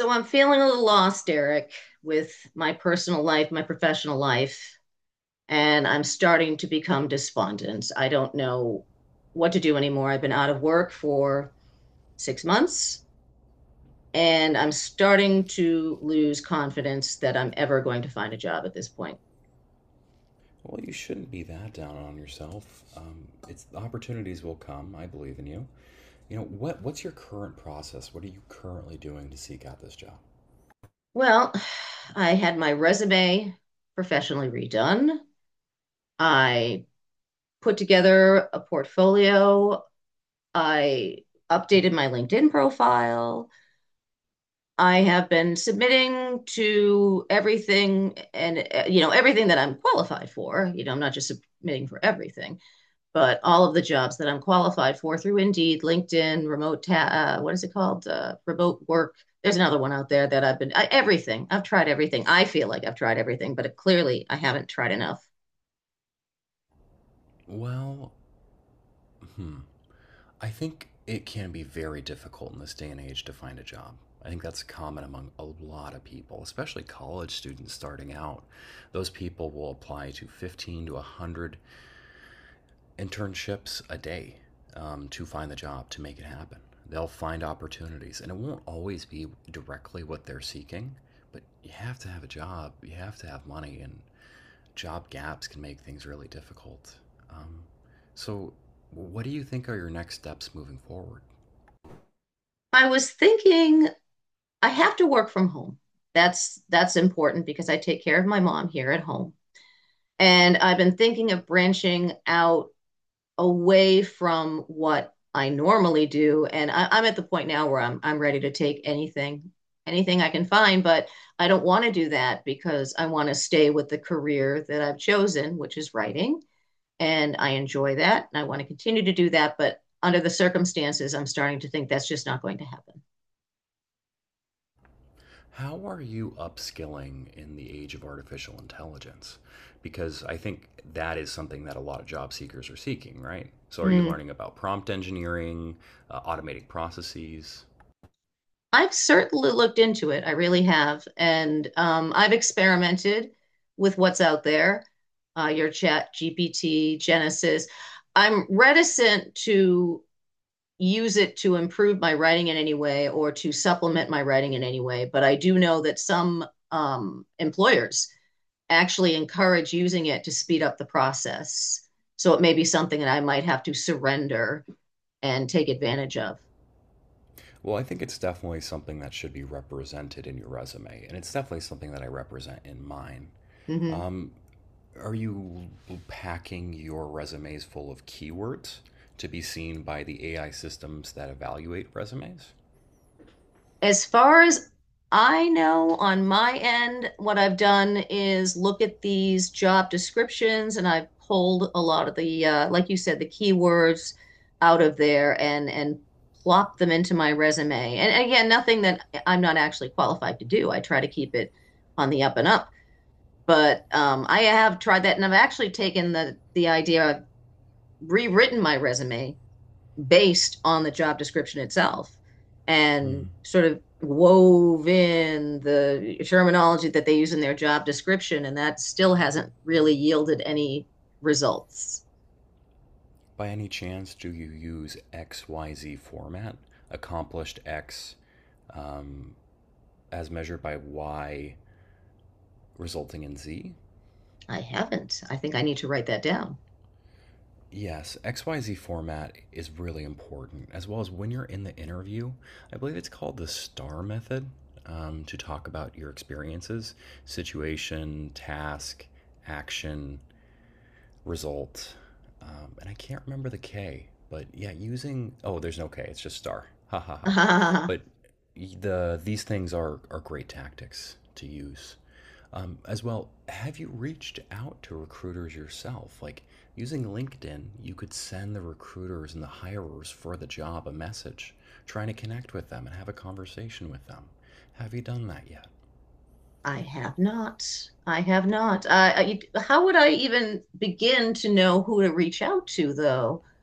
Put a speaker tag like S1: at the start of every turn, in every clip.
S1: So I'm feeling a little lost, Eric, with my personal life, my professional life, and I'm starting to become despondent. I don't know what to do anymore. I've been out of work for 6 months, and I'm starting to lose confidence that I'm ever going to find a job at this point.
S2: Well, you shouldn't be that down on yourself. It's opportunities will come. I believe in you. You know what? What's your current process? What are you currently doing to seek out this job?
S1: Well, I had my resume professionally redone. I put together a portfolio. I updated my LinkedIn profile. I have been submitting to everything and, everything that I'm qualified for. You know, I'm not just submitting for everything, but all of the jobs that I'm qualified for through Indeed, LinkedIn, remote, what is it called? Remote work. There's another one out there that everything. I've tried everything. I feel like I've tried everything, but clearly I haven't tried enough.
S2: Well, I think it can be very difficult in this day and age to find a job. I think that's common among a lot of people, especially college students starting out. Those people will apply to 15 to 100 internships a day to find the job to make it happen. They'll find opportunities, and it won't always be directly what they're seeking. But you have to have a job, you have to have money, and job gaps can make things really difficult. Um, so, what do you think are your next steps moving forward?
S1: I was thinking I have to work from home. That's important because I take care of my mom here at home. And I've been thinking of branching out away from what I normally do. And I'm at the point now where I'm ready to take anything, anything I can find, but I don't want to do that because I want to stay with the career that I've chosen, which is writing. And I enjoy that and I want to continue to do that. But under the circumstances, I'm starting to think that's just not going to happen.
S2: How are you upskilling in the age of artificial intelligence? Because I think that is something that a lot of job seekers are seeking, right? So, are you
S1: Mm.
S2: learning about prompt engineering, automating processes?
S1: I've certainly looked into it. I really have. And I've experimented with what's out there, your chat, GPT, Genesis. I'm reticent to use it to improve my writing in any way or to supplement my writing in any way. But I do know that some employers actually encourage using it to speed up the process. So it may be something that I might have to surrender and take advantage of.
S2: Well, I think it's definitely something that should be represented in your resume, and it's definitely something that I represent in mine.
S1: Mhm.
S2: Are you packing your resumes full of keywords to be seen by the AI systems that evaluate resumes?
S1: As far as I know, on my end, what I've done is look at these job descriptions and I've pulled a lot of the, like you said, the keywords out of there and plopped them into my resume. And again, nothing that I'm not actually qualified to do. I try to keep it on the up and up. But I have tried that, and I've actually taken the idea. I've rewritten my resume based on the job description itself
S2: Mm.
S1: and sort of wove in the terminology that they use in their job description, and that still hasn't really yielded any results.
S2: By any chance, do you use XYZ format? Accomplished X um, as measured by Y resulting in Z?
S1: I haven't. I think I need to write that down.
S2: Yes, XYZ format is really important, as well as when you're in the interview. I believe it's called the STAR method to talk about your experiences situation, task, action, result. And I can't remember the K, but yeah, using oh, there's no K, it's just star. Ha ha ha.
S1: I
S2: But these things are great tactics to use. As well, have you reached out to recruiters yourself? Like using LinkedIn, you could send the recruiters and the hirers for the job a message, trying to connect with them and have a conversation with them. Have you done that yet?
S1: have not. I have not. How would I even begin to know who to reach out to, though?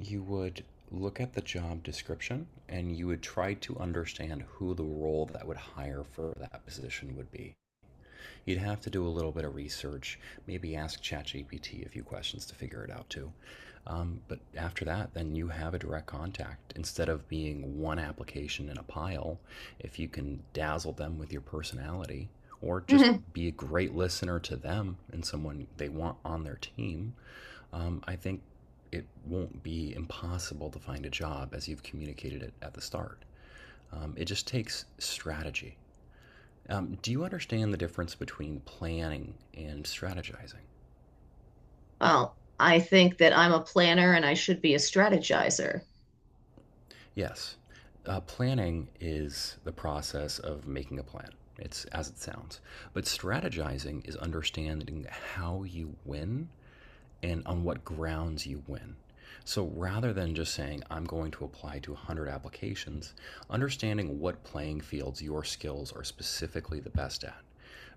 S2: You would look at the job description and you would try to understand who the role that would hire for that position would be. You'd have to do a little bit of research, maybe ask ChatGPT a few questions to figure it out too. But after that, then you have a direct contact. Instead of being one application in a pile, if you can dazzle them with your personality or just
S1: Mm-hmm.
S2: be a great listener to them and someone they want on their team, I think it won't be impossible to find a job as you've communicated it at the start. It just takes strategy. Do you understand the difference between planning and strategizing?
S1: Well, I think that I'm a planner and I should be a strategizer.
S2: Yes. Planning is the process of making a plan. It's as it sounds. But strategizing is understanding how you win and on what grounds you win. So rather than just saying, I'm going to apply to 100 applications, understanding what playing fields your skills are specifically the best at.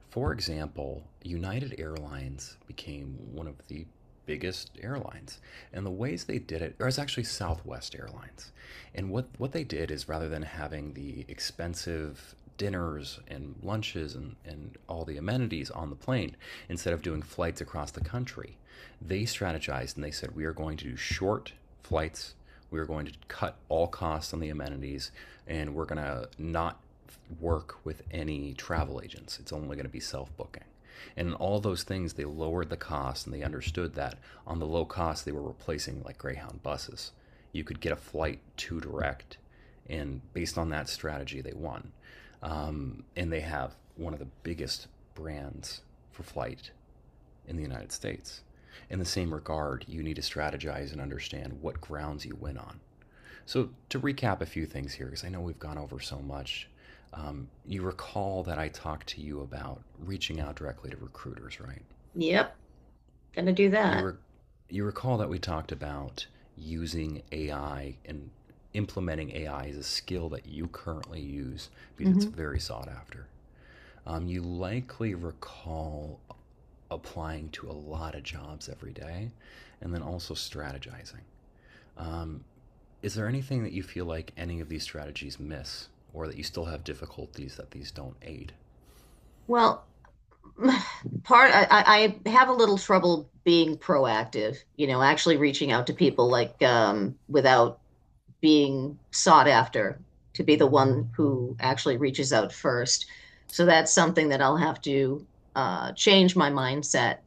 S2: For example, United Airlines became one of the biggest airlines. And the ways they did it, or it's actually Southwest Airlines. And what they did is rather than having the expensive dinners and lunches and all the amenities on the plane, instead of doing flights across the country, they strategized and they said, we are going to do short flights. We are going to cut all costs on the amenities, and we're going to not work with any travel agents. It's only going to be self booking. And in all those things, they lowered the cost and they understood that on the low cost, they were replacing like Greyhound buses. You could get a flight to direct, and based on that strategy, they won. And they have one of the biggest brands for flight in the United States. In the same regard, you need to strategize and understand what grounds you win on. So, to recap a few things here, because I know we've gone over so much, you recall that I talked to you about reaching out directly to recruiters, right?
S1: Yep, gonna do
S2: You, re-
S1: that.
S2: you recall that we talked about using AI and implementing AI as a skill that you currently use because it's
S1: Mm-hmm.
S2: very sought after. You likely recall applying to a lot of jobs every day and then also strategizing. Is there anything that you feel like any of these strategies miss, or that you still have difficulties that these don't aid?
S1: Well, I have a little trouble being proactive, actually reaching out to people without being sought after to be the one who actually reaches out first. So that's something that I'll have to change my mindset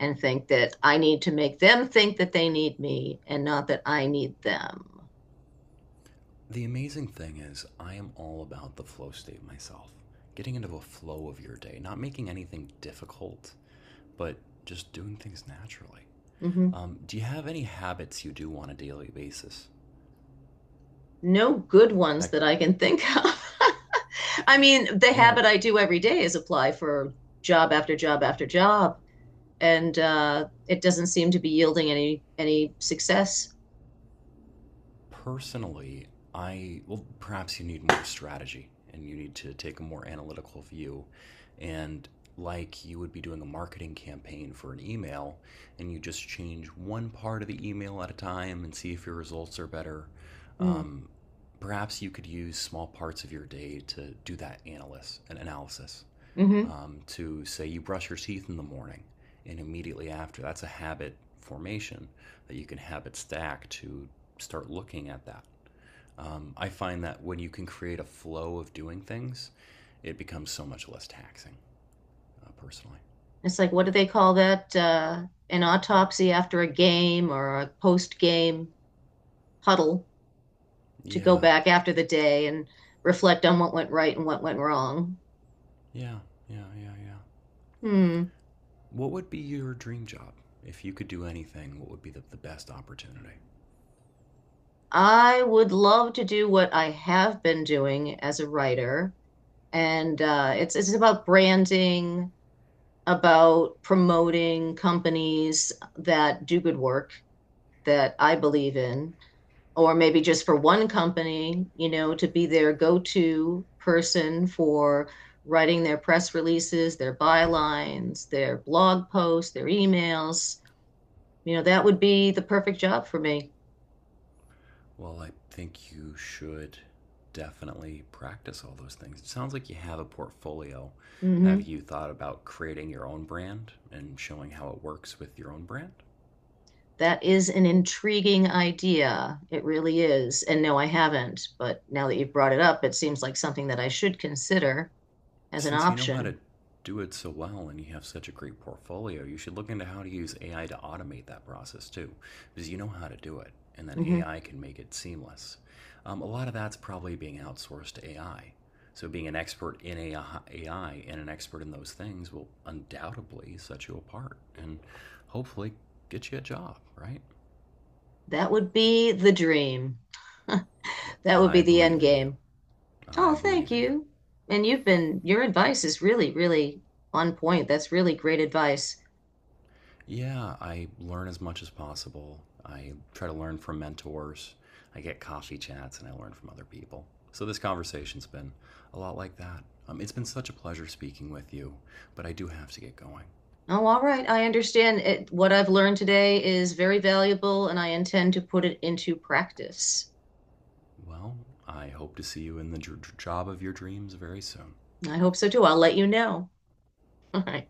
S1: and think that I need to make them think that they need me and not that I need them.
S2: The amazing thing is, I am all about the flow state myself. Getting into a flow of your day, not making anything difficult, but just doing things naturally.
S1: Hmm.
S2: Do you have any habits you do on a daily basis?
S1: No good ones
S2: That,
S1: that I can think of. I mean, the habit
S2: well,
S1: I do every day is apply for job after job after job, and it doesn't seem to be yielding any success.
S2: personally, I well, perhaps you need more strategy and you need to take a more analytical view. And like you would be doing a marketing campaign for an email, and you just change one part of the email at a time and see if your results are better.
S1: Mm.
S2: Um, perhaps you could use small parts of your day to do that analysis, an analysis
S1: Hmm.
S2: to say you brush your teeth in the morning and immediately after. That's a habit formation that you can habit stack to start looking at that. I find that when you can create a flow of doing things, it becomes so much less taxing, personally.
S1: It's like, what do they call that? An autopsy after a game or a post game huddle to go
S2: Yeah,
S1: back after the day and reflect on what went right and what went wrong.
S2: yeah, yeah, yeah, yeah.
S1: Hmm.
S2: What would be your dream job? If you could do anything, what would be the best opportunity?
S1: I would love to do what I have been doing as a writer, and it's about branding, about promoting companies that do good work that I believe in, or maybe just for one company, you know, to be their go to person for writing their press releases, their bylines, their blog posts, their emails. You know, that would be the perfect job for me.
S2: Well, I think you should definitely practice all those things. It sounds like you have a portfolio. Have
S1: Mhm.
S2: you thought about creating your own brand and showing how it works with your own brand?
S1: That is an intriguing idea. It really is. And no, I haven't. But now that you've brought it up, it seems like something that I should consider as an
S2: Since you know how
S1: option.
S2: to do it so well and you have such a great portfolio, you should look into how to use AI to automate that process too, because you know how to do it, and then
S1: Mhm.
S2: AI can make it seamless. A lot of that's probably being outsourced to AI. So, being an expert in AI and an expert in those things will undoubtedly set you apart and hopefully get you a job, right?
S1: That would be the dream.
S2: Well,
S1: That would be
S2: I
S1: the
S2: believe
S1: end
S2: in you.
S1: game.
S2: I
S1: Oh, thank
S2: believe in you.
S1: you. Your advice is really, really on point. That's really great advice.
S2: Yeah, I learn as much as possible. I try to learn from mentors. I get coffee chats and I learn from other people. So this conversation's been a lot like that. It's been such a pleasure speaking with you, but I do have to get going.
S1: Oh, all right. I understand it. What I've learned today is very valuable, and I intend to put it into practice.
S2: Well, I hope to see you in the job of your dreams very soon.
S1: I hope so too. I'll let you know. All right.